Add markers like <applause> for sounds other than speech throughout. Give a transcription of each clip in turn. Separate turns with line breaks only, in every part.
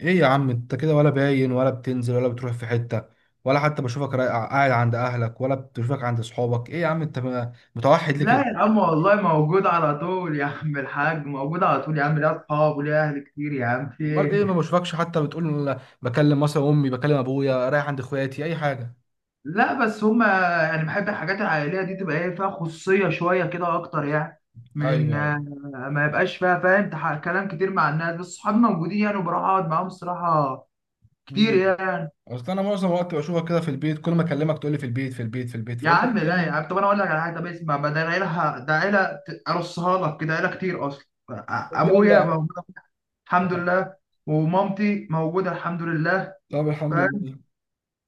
ايه يا عم انت كده، ولا باين ولا بتنزل ولا بتروح في حتة ولا حتى بشوفك قاعد عند اهلك ولا بشوفك عند صحابك. ايه يا عم انت متوحد ليه كده؟
لا يا عم، والله موجود على طول يا عم الحاج، موجود على طول يا عم، ليا اصحاب وليا اهل كتير يا عم، في
امال ايه، ما
إيه؟
بشوفكش حتى بتقول بكلم مثلا امي، بكلم ابويا، رايح عند اخواتي اي حاجة.
لا، بس هما يعني بحب الحاجات العائليه دي تبقى ايه فيها خصوصيه شويه كده اكتر يعني، من
ايوه، ايوه.
ما يبقاش فيها فاهم كلام كتير مع الناس، بس صحابي موجودين يعني وبروح اقعد معاهم الصراحه كتير
مم.
يعني.
اصل انا معظم الوقت بشوفك كده في البيت، كل ما اكلمك تقول لي في البيت في البيت في البيت،
يا
فقلت
عم، لا يا
طب.
عم، طب انا اقول لك على حاجه، طب اسمع، ما ده العيله، ده عيله ارصها لك كده، عيله كتير اصلا.
طب
ابويا
يلا.
موجود
يا
الحمد
عم.
لله، ومامتي موجوده الحمد لله،
طب الحمد لله.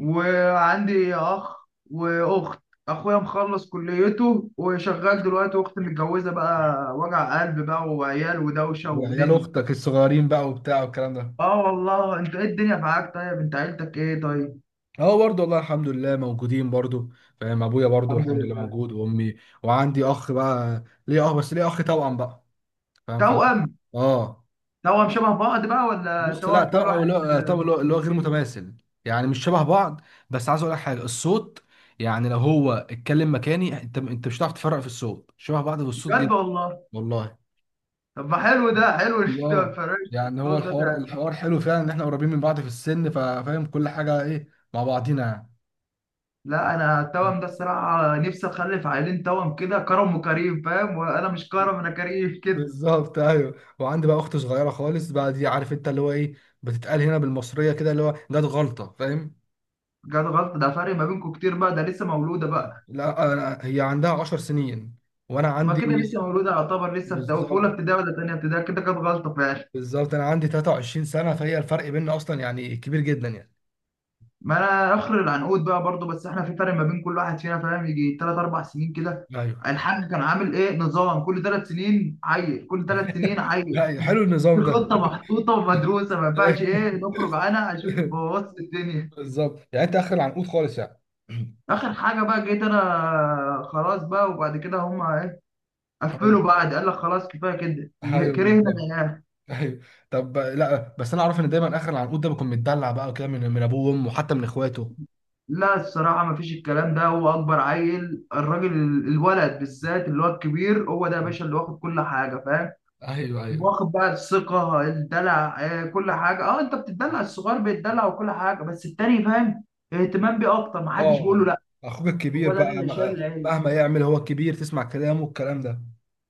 وعندي اخ واخت. اخويا مخلص كليته وشغال دلوقتي، واختي متجوزه بقى، وجع قلب بقى وعيال ودوشه
وعيال
ودنيا.
اختك الصغيرين بقى وبتاع والكلام ده.
اه والله، انت ايه الدنيا معاك؟ طيب انت عيلتك ايه طيب؟
اه، برضه والله الحمد لله موجودين برضه. فاهم، ابويا برضه
الحمد
الحمد لله
لله.
موجود وامي. وعندي اخ بقى ليه. اه، بس ليه اخ توأم بقى. فاهم
توأم.
اه.
توأم شبه بعض بقى ولا
بص، لا
توأم كل
توأم اللي
واحد؟
هو توأم اللي هو غير متماثل، يعني مش شبه بعض. بس عايز اقول لك حاجه، الصوت يعني لو هو اتكلم مكاني انت مش هتعرف تفرق في الصوت، شبه بعض في الصوت
بجد
جدا.
والله؟
والله.
طب ما حلو ده، حلو إن انت ما
اه،
تفرقش
يعني هو
الصوت ده,
الحوار
ده
الحوار حلو فعلا، ان احنا قريبين من بعض في السن ففاهم كل حاجه ايه مع بعضينا يعني.
لا انا التوأم ده الصراحه، نفسي اخلف عيلين توأم كده، كرم وكريم فاهم، وانا مش كرم، انا كريم كده.
بالظبط، ايوه. وعندي بقى اخت صغيره خالص بقى، دي عارف انت اللي هو ايه بتتقال هنا بالمصريه كده اللي هو جت غلطه فاهم.
جت غلط ده، فرق ما بينكم كتير بقى، ده لسه مولوده بقى؟
لا، أنا هي عندها 10 سنين، وانا
ما
عندي.
كده لسه مولوده يعتبر، لسه في اولى
بالظبط،
ابتدائي ولا تانية ابتدائي، كده كانت غلطه فعلا.
بالظبط انا عندي 23 سنه، فهي الفرق بيننا اصلا يعني كبير جدا يعني.
ما انا اخر العنقود بقى برضو، بس احنا في فرق ما بين كل واحد فينا فاهم، يجي ثلاث اربع سنين كده.
ايوه.
الحاج كان عامل ايه؟ نظام كل ثلاث سنين عيل، كل ثلاث سنين
<laughs>
عيل.
أيوة، حلو النظام ده.
الخطه محطوطه ومدروسه، ما ينفعش ايه نخرج عنها عشان
<laughs>
نبوظ الدنيا.
بالظبط، يعني انت اخر العنقود خالص يعني.
اخر حاجه بقى، جيت انا خلاص بقى، وبعد كده هم
ايوه،
قفلوا، بعد قال لك خلاص كفايه كده.
أيوة،
كرهنا
بالظبط.
العيال.
ايوه. طب لا، بس انا اعرف ان دايما اخر العنقود ده بيكون متدلع بقى كده من ابوه وامه، وحتى من اخواته.
لا الصراحة، مفيش الكلام ده. هو أكبر عيل الراجل، الولد بالذات اللي هو الكبير، هو ده يا باشا اللي واخد كل حاجة فاهم.
ايوه، ايوه.
واخد بقى الثقة الدلع، كل حاجة، اه انت بتدلع الصغير بيتدلع وكل حاجة، بس التاني فاهم. اهتمام بيه أكتر، محدش بيقول له
اه.
لا.
اخوك
هو
الكبير
ده
بقى
اللي شايل العيل.
مهما يعمل هو الكبير تسمع كلامه والكلام ده.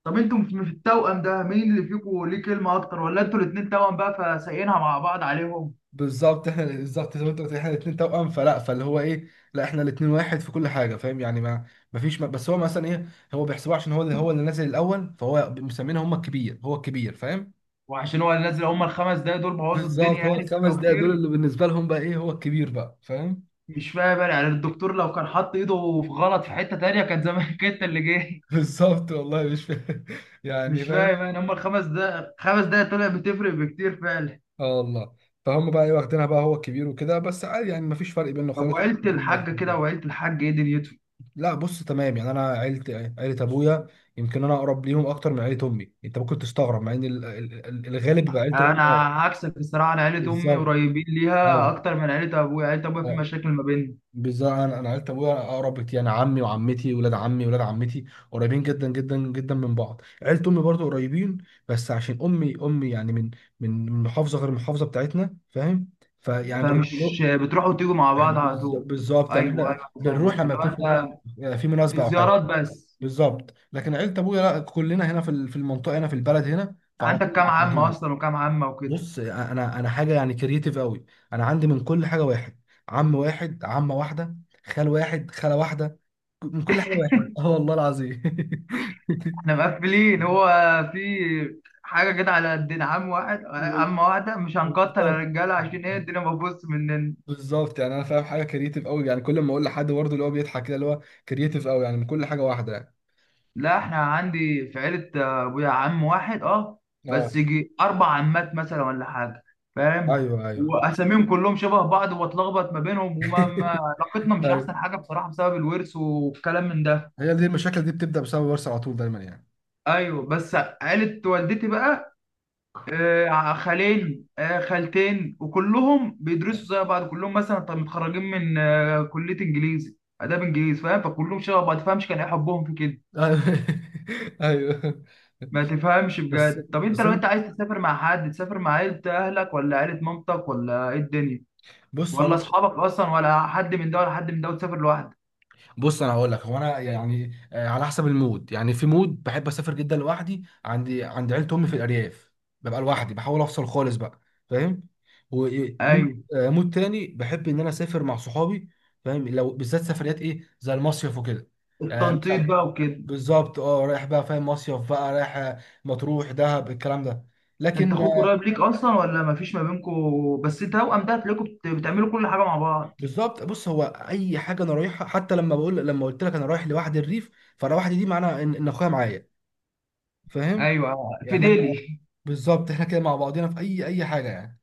طب انتوا في التوأم ده مين اللي فيكم ليه كلمة أكتر، ولا انتوا الاتنين توأم بقى فسايقينها مع بعض عليهم؟
بالظبط، احنا بالظبط زي ما انت قلت احنا الاثنين توأم، فاللي هو ايه. لا، احنا الاثنين واحد في كل حاجه فاهم يعني ما. ما فيش ما، بس هو مثلا ايه، هو بيحسبوه عشان هو اللي هو اللي نازل الاول، فهو مسمينه هم الكبير، هو الكبير فاهم.
وعشان هو اللي نازل، هما الخمس دقايق دول بوظوا
بالظبط،
الدنيا
هو
يعني،
الخمس
فرقوا
دقايق دول
كتير.
اللي بالنسبه لهم بقى ايه، هو الكبير بقى فاهم.
مش فاهم انا يعني، الدكتور لو كان حط ايده في غلط في حته تانيه كان زمانك انت <laughs> اللي جاي.
<laughs> بالظبط والله مش فاهم، يعني
مش
فاهم.
فاهم انا، هم الخمس دقايق، خمس دقايق طلع بتفرق بكتير فعلا.
اه والله. فهم بقى ايه، واخدينها بقى هو الكبير وكده، بس عادي يعني ما فيش فرق بيننا
طب
خالص، احنا
وعيله
الاثنين واحد
الحاج كده،
وكده.
وعيله الحاج ايه دنيتهم؟
لا، بص تمام، يعني انا عيلة ابويا يمكن انا اقرب ليهم اكتر من عيلة امي. انت ممكن تستغرب، مع ان الغالب بيبقى عيلة الام.
انا
اه.
عكسك الصراحه، انا عيله امي
بالظبط،
قريبين ليها
ايوه.
اكتر من عيله ابويا، عيله ابويا في
آه،
مشاكل ما بيننا.
بالظبط انا عيلة ابويا اقرب بكتير، يعني عمي وعمتي ولاد عمي ولاد عمتي قريبين جدا جدا جدا من بعض. عيلة امي برضو قريبين، بس عشان امي يعني من محافظة غير المحافظة بتاعتنا فاهم، فيعني
فمش
بنروح.
بتروحوا وتيجوا مع
<clears throat>
بعض على
بالظبط،
طول؟
بالظبط، يعني
ايوه،
احنا
ايوه.
بنروح
فاهمك
لما
اللي هو
يكون
انت.
في
في
مناسبة او حاجة.
زيارات بس.
بالظبط، لكن عيله ابويا لا، كلنا هنا في المنطقه هنا في البلد هنا، فعلى
عندك
طول
كام
مع
عمه
بعضينا.
اصلا وكام عمه وكده؟
بص، انا حاجه يعني كرييتيف قوي، انا عندي من كل حاجه واحد. عم واحد، عمه واحده، خال واحد، خاله واحده، من كل حاجه واحد. <laughs> اه والله العظيم. <laughs>
احنا مقفلين هو. في حاجة كده على قدنا، عم واحد، عم واحدة، مش هنكتر يا
بالظبط،
رجالة عشان ايه الدنيا مبوظ مننا.
بالظبط، يعني انا فاهم حاجه كرييتيف قوي، يعني كل ما اقول لحد برضه اللي هو بيضحك كده، اللي هو كرييتيف قوي، يعني من كل حاجه واحده يعني.
لا احنا عندي في عيلة ابويا عم واحد اه. بس
اه،
يجي اربع عمات مثلا ولا حاجة. فاهم.
ايوه، ايوه.
واساميهم كلهم شبه بعض واتلخبط ما بينهم وما ما- علاقتنا
<laughs>
مش
ايوه،
احسن حاجة بصراحة بسبب الورث والكلام من ده.
هي دي المشاكل دي بتبدا بسبب ورثه على طول دايما يعني.
ايوه بس. عيلة والدتي بقى. خالين، خالتين، وكلهم بيدرسوا زي بعض، كلهم مثلا طب متخرجين من كلية انجليزي اداب انجليزي فاهم، فكلهم شبه بعض ما تفهمش كان ايه حبهم في كده.
ايوه. <laughs> أيوة.
ما تفهمش
بس
بجد. طب انت
بس
لو انت عايز تسافر مع حد، تسافر مع عيلة اهلك ولا عيلة مامتك، ولا ايه الدنيا؟
بص
ولا
انا
اصحابك اصلا، ولا حد من ده ولا حد من ده، وتسافر لوحدك؟
بص انا هقول لك، هو انا يعني على حسب المود يعني. في مود بحب اسافر جدا لوحدي، عند عيلة امي في الارياف ببقى لوحدي، بحاول افصل خالص بقى فاهم. ومود
ايوه.
مود تاني بحب ان انا اسافر مع صحابي، فاهم لو بالذات سفريات ايه زي المصيف وكده.
التنطيط
مثلا.
بقى وكده.
بالظبط، اه، رايح بقى فاهم مصيف بقى، رايح مطروح، دهب، الكلام ده.
انت
لكن.
اخوك قريب ليك اصلا ولا ما فيش ما بينكم؟ بس توأم ده هتلاقيكم بتعملوا كل حاجة مع بعض.
بالظبط، بص هو اي حاجه انا رايحها، حتى لما قلت لك انا رايح لوحدي الريف، فانا وحدي دي معناها ان اخويا معايا، فاهم
ايوه. في
يعني احنا.
ديلي.
بالظبط، احنا كده مع بعضينا في اي حاجه يعني.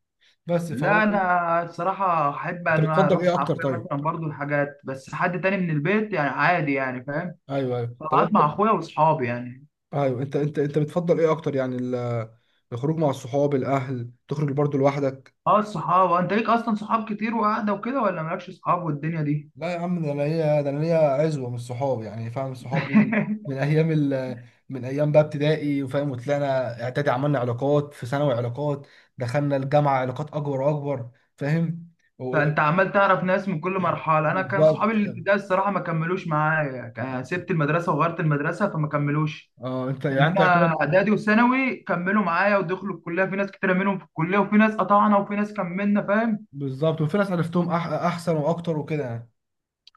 بس فهو
لا
انت
انا الصراحه احب ان انا
بتفضل
اروح مع
ايه اكتر
اخويا
طيب؟
مثلا برضو حاجات، بس حد تاني من البيت يعني عادي يعني فاهم.
ايوه، ايوه. طب
طلعت
انت.
مع اخويا واصحابي يعني.
ايوه، انت بتفضل ايه اكتر يعني الخروج مع الصحاب، الاهل، تخرج برضه لوحدك؟
اه الصحاب. انت ليك اصلا صحاب كتير وقاعده وكده، ولا مالكش صحاب والدنيا دي؟
لا يا عم، ده انا ليا عزوه من الصحاب يعني فاهم. الصحاب دول
<laughs>
من ايام ال... من ايام بقى ابتدائي وفاهم، وطلعنا اعدادي عملنا علاقات، في ثانوي علاقات، دخلنا الجامعه علاقات اكبر واكبر فاهم. و...
فانت عمال تعرف ناس من كل مرحله، انا كان صحابي
بالظبط،
الابتدائي الصراحه ما كملوش معايا، سبت المدرسه وغيرت المدرسه فما كملوش.
اه، انت يعني انت
انما
يعتبر.
اعدادي وثانوي كملوا معايا ودخلوا الكليه، في ناس كتير منهم في الكليه وفي ناس قطعنا وفي ناس كملنا فاهم.
بالظبط، وفي ناس عرفتهم احسن واكتر وكده يعني.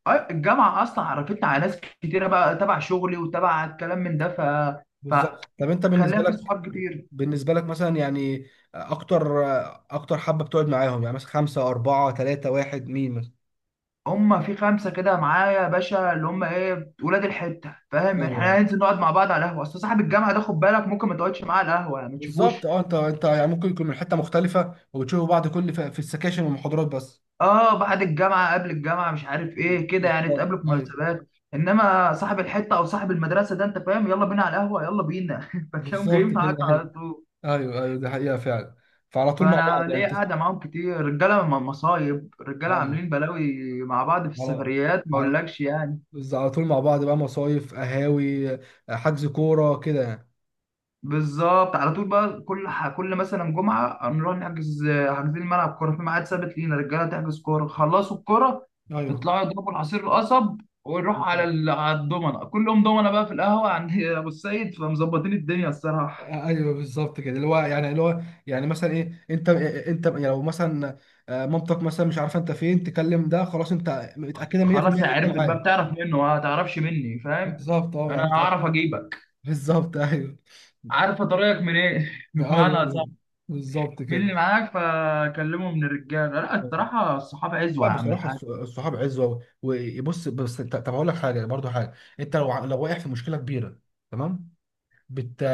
الجامعة أصلا عرفتني على ناس كتيرة بقى تبع شغلي وتبع الكلام من ده.
بالظبط، طب انت
فخليها
بالنسبه
في
لك،
صحاب كتير.
بالنسبه لك مثلا يعني اكتر. اكتر حبه بتقعد معاهم، يعني مثلا خمسه، اربعه، ثلاثه، واحد، مين مثلا؟
هما في خمسة كده معايا يا باشا، اللي هما إيه ولاد الحتة فاهم،
ايوه،
إحنا هننزل نقعد مع بعض على القهوة. أصل صاحب الجامعة ده خد بالك، ممكن ما تقعدش معاه على القهوة يعني، ما
بالظبط،
تشوفوش.
اه، انت يعني ممكن يكون من حته مختلفه وبتشوفوا بعض كل في السكاشن والمحاضرات بس.
آه، بعد الجامعة قبل الجامعة مش عارف إيه كده يعني،
بالظبط،
تقابلوا في
ايوه.
مناسبات. إنما صاحب الحتة أو صاحب المدرسة ده أنت فاهم، يلا بينا على القهوة يلا بينا <laughs> فتلاقيهم
بالظبط
جايين
كده،
معاك
ايوه،
على طول.
ايوه. ايوه دي حقيقه فعلا. فعلى طول مع بعض
فانا
يعني
ليه قاعده معاهم كتير، رجاله مصايب، رجاله
ايوه،
عاملين بلاوي مع بعض في
على
السفريات ما
على
اقولكش يعني.
بس على طول مع بعض بقى، مصايف، قهاوي، حجز كوره كده يعني.
بالظبط على طول بقى، كل كل مثلا جمعه نروح نحجز. حاجزين ملعب كوره في ميعاد ثابت لينا، رجاله تحجز كوره، خلصوا الكوره.
ايوه،
يطلعوا يضربوا العصير القصب. ونروح على
بالظبط.
على الضمنه، كلهم ضمنه بقى في القهوه عند <laughs> ابو السيد، فمظبطين الدنيا الصراحه.
ايوه، بالظبط كده اللي هو يعني اللي هو، يعني مثلا ايه انت يعني لو مثلا مامتك مثلا مش عارفه انت فين، تكلم، ده خلاص انت متاكده 100%
خلاص هي
ان انت
عرفت
معاه.
بقى، بتعرف منه ما تعرفش مني فاهم.
بالظبط، اه،
انا
يعني
هعرف اجيبك.
بالظبط. ايوه،
عارفه طريقك منين <laughs>
ايوه،
بمعنى.
أيوة. بالظبط
مين
كده.
اللي معاك فكلمه من الرجاله، لا الصراحه الصحابه
لا،
عزوه يا عم
بصراحه
الحاج.
الصحاب عزوه. وبص، بس طب هقول لك حاجه، برضو حاجه. انت لو لو واقع في مشكله كبيره تمام، بت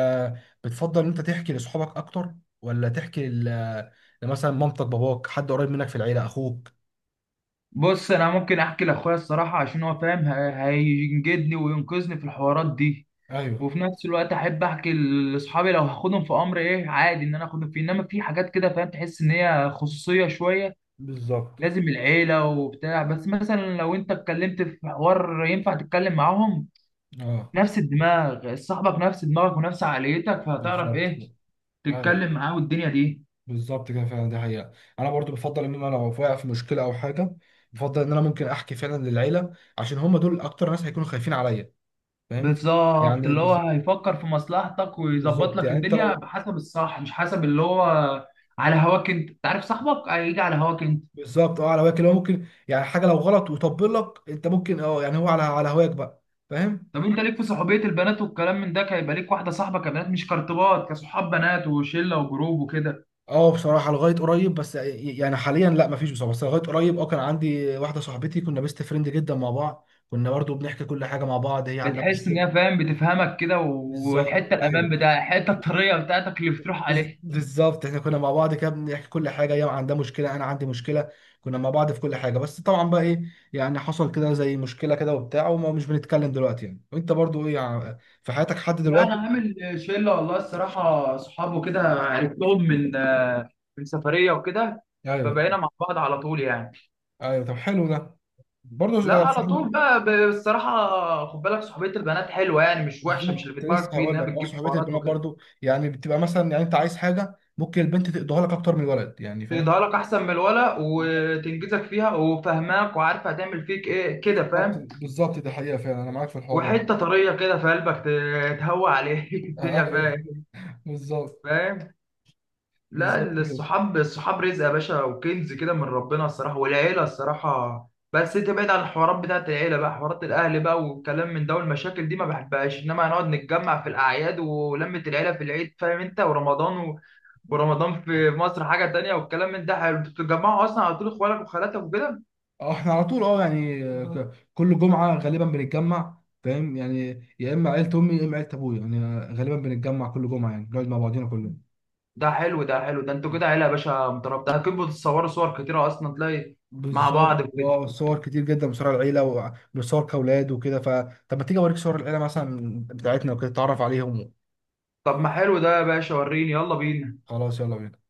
بتفضل ان انت تحكي لاصحابك اكتر، ولا تحكي لمثلا مامتك، باباك، حد قريب منك في العيله، اخوك؟
بص انا ممكن احكي لاخويا الصراحه، عشان هو فاهم هينجدني وينقذني في الحوارات دي.
ايوه،
وفي نفس الوقت احب احكي لاصحابي، لو هاخدهم في امر ايه عادي ان انا اخدهم فيه، انما في حاجات كده فاهم، تحس ان هي خصوصيه شويه.
بالظبط،
لازم العيله وبتاع، بس مثلا لو انت اتكلمت في حوار ينفع تتكلم معاهم.
اه،
نفس الدماغ، صاحبك نفس دماغك ونفس عقليتك، فهتعرف
بالظبط،
ايه.
ايوه،
تتكلم معاه والدنيا دي.
بالظبط كده فعلا دي حقيقة. أنا برضو بفضل إن أنا لو واقع في مشكلة أو حاجة، بفضل إن أنا ممكن أحكي فعلا للعيلة، عشان هم دول أكتر ناس هيكونوا خايفين عليا فاهم
بالظبط،
يعني.
اللي هو
بالظبط،
هيفكر في مصلحتك ويظبط
بالظبط
لك
يعني أنت
الدنيا
لو.
بحسب الصح، مش حسب اللي هو. على هواك انت عارف صاحبك هيجي على هواك انت.
بالظبط، أه على هواك، اللي هو ممكن يعني حاجة لو غلط وطبل لك أنت، ممكن أه يعني هو على هواك بقى فاهم.
طب انت ليك في صحوبية البنات والكلام من ده، هيبقى ليك واحدة صاحبة كبنات مش كارتبات، كصحاب بنات وشلة وجروب وكده؟
أه بصراحة، لغاية قريب بس، يعني حاليا لا مفيش بصراحة، بس لغاية قريب كان عندي واحدة صاحبتي، كنا بيست فريند جدا مع بعض، كنا برضو بنحكي كل حاجة مع بعض، هي عندها
بتحس ان
مشكلة.
هي فاهم بتفهمك كده،
بالظبط،
والحتة الامان
أيوه.
بتاعها الحتة الطرية بتاعتك اللي بتروح عليها.
بالظبط احنا كنا مع بعض كده بنحكي كل حاجه، هي عندها مشكله انا عندي مشكله، كنا مع بعض في كل حاجه. بس طبعا بقى ايه، يعني حصل كده زي مشكله كده وبتاع، وما مش بنتكلم دلوقتي يعني. وانت برضو ايه، في حياتك حد
لا انا
دلوقتي؟
عامل شلة والله الصراحة، صحابه كده عرفتهم من سفرية وكده.
ايوه،
فبقينا مع بعض على طول يعني.
ايوه، طب حلو ده. برضو
لا على طول بقى الصراحة خد بالك، صحوبية البنات حلوة يعني، مش وحشة، مش اللي في
بالظبط،
دماغك
لسه
فيه
هقول
إنها
لك
بتجيب
صحوبيه
حوارات
البنات
وكده.
برضو، يعني بتبقى مثلا، يعني انت عايز حاجه ممكن البنت تقضيها لك اكتر من الولد، يعني فاهم.
تقضيها لك أحسن من الولا وتنجزك فيها وفاهماك، وعارفة هتعمل فيك إيه كده
بالظبط،
فاهم.
بالظبط، دي حقيقه فعلا، انا معاك في الحوار ده.
وحتة طرية كده في قلبك تهوى عليه <laughs> الدنيا
ايوه.
فاهم.
بالظبط،
فاهم. لا
بالظبط كده.
الصحاب الصحاب رزق يا باشا وكنز كده من ربنا الصراحة، والعيلة الصراحة، بس انت بعيد عن الحوارات بتاعت العيلة بقى، حوارات الأهل بقى والكلام من ده والمشاكل دي ما بحبهاش، إنما هنقعد نتجمع في الأعياد، ولمة العيلة في العيد فاهم انت، ورمضان ورمضان في مصر حاجة تانية والكلام من ده حلو، انتوا بتتجمعوا أصلا على طول إخوالك وخالاتك وكده؟
اه، احنا على طول، يعني كل جمعة غالبا بنتجمع فاهم يعني، يا اما عيلة امي يا اما عيلة ابويا، يعني غالبا بنتجمع كل جمعة يعني بنقعد مع بعضينا كلنا.
ده حلو ده حلو، ده انتوا كده عيلة يا باشا مترابطة، أكيد بتتصوروا صور كتيرة أصلا تلاقي مع بعض
بالظبط،
وكده.
اه، صور كتير جدا بصور العيلة وبصور كأولاد وكده طب ما تيجي اوريك صور العيلة مثلا بتاعتنا وكده تتعرف عليهم؟
طب ما حلو ده يا باشا، وريني يلا بينا.
خلاص، يلا بينا.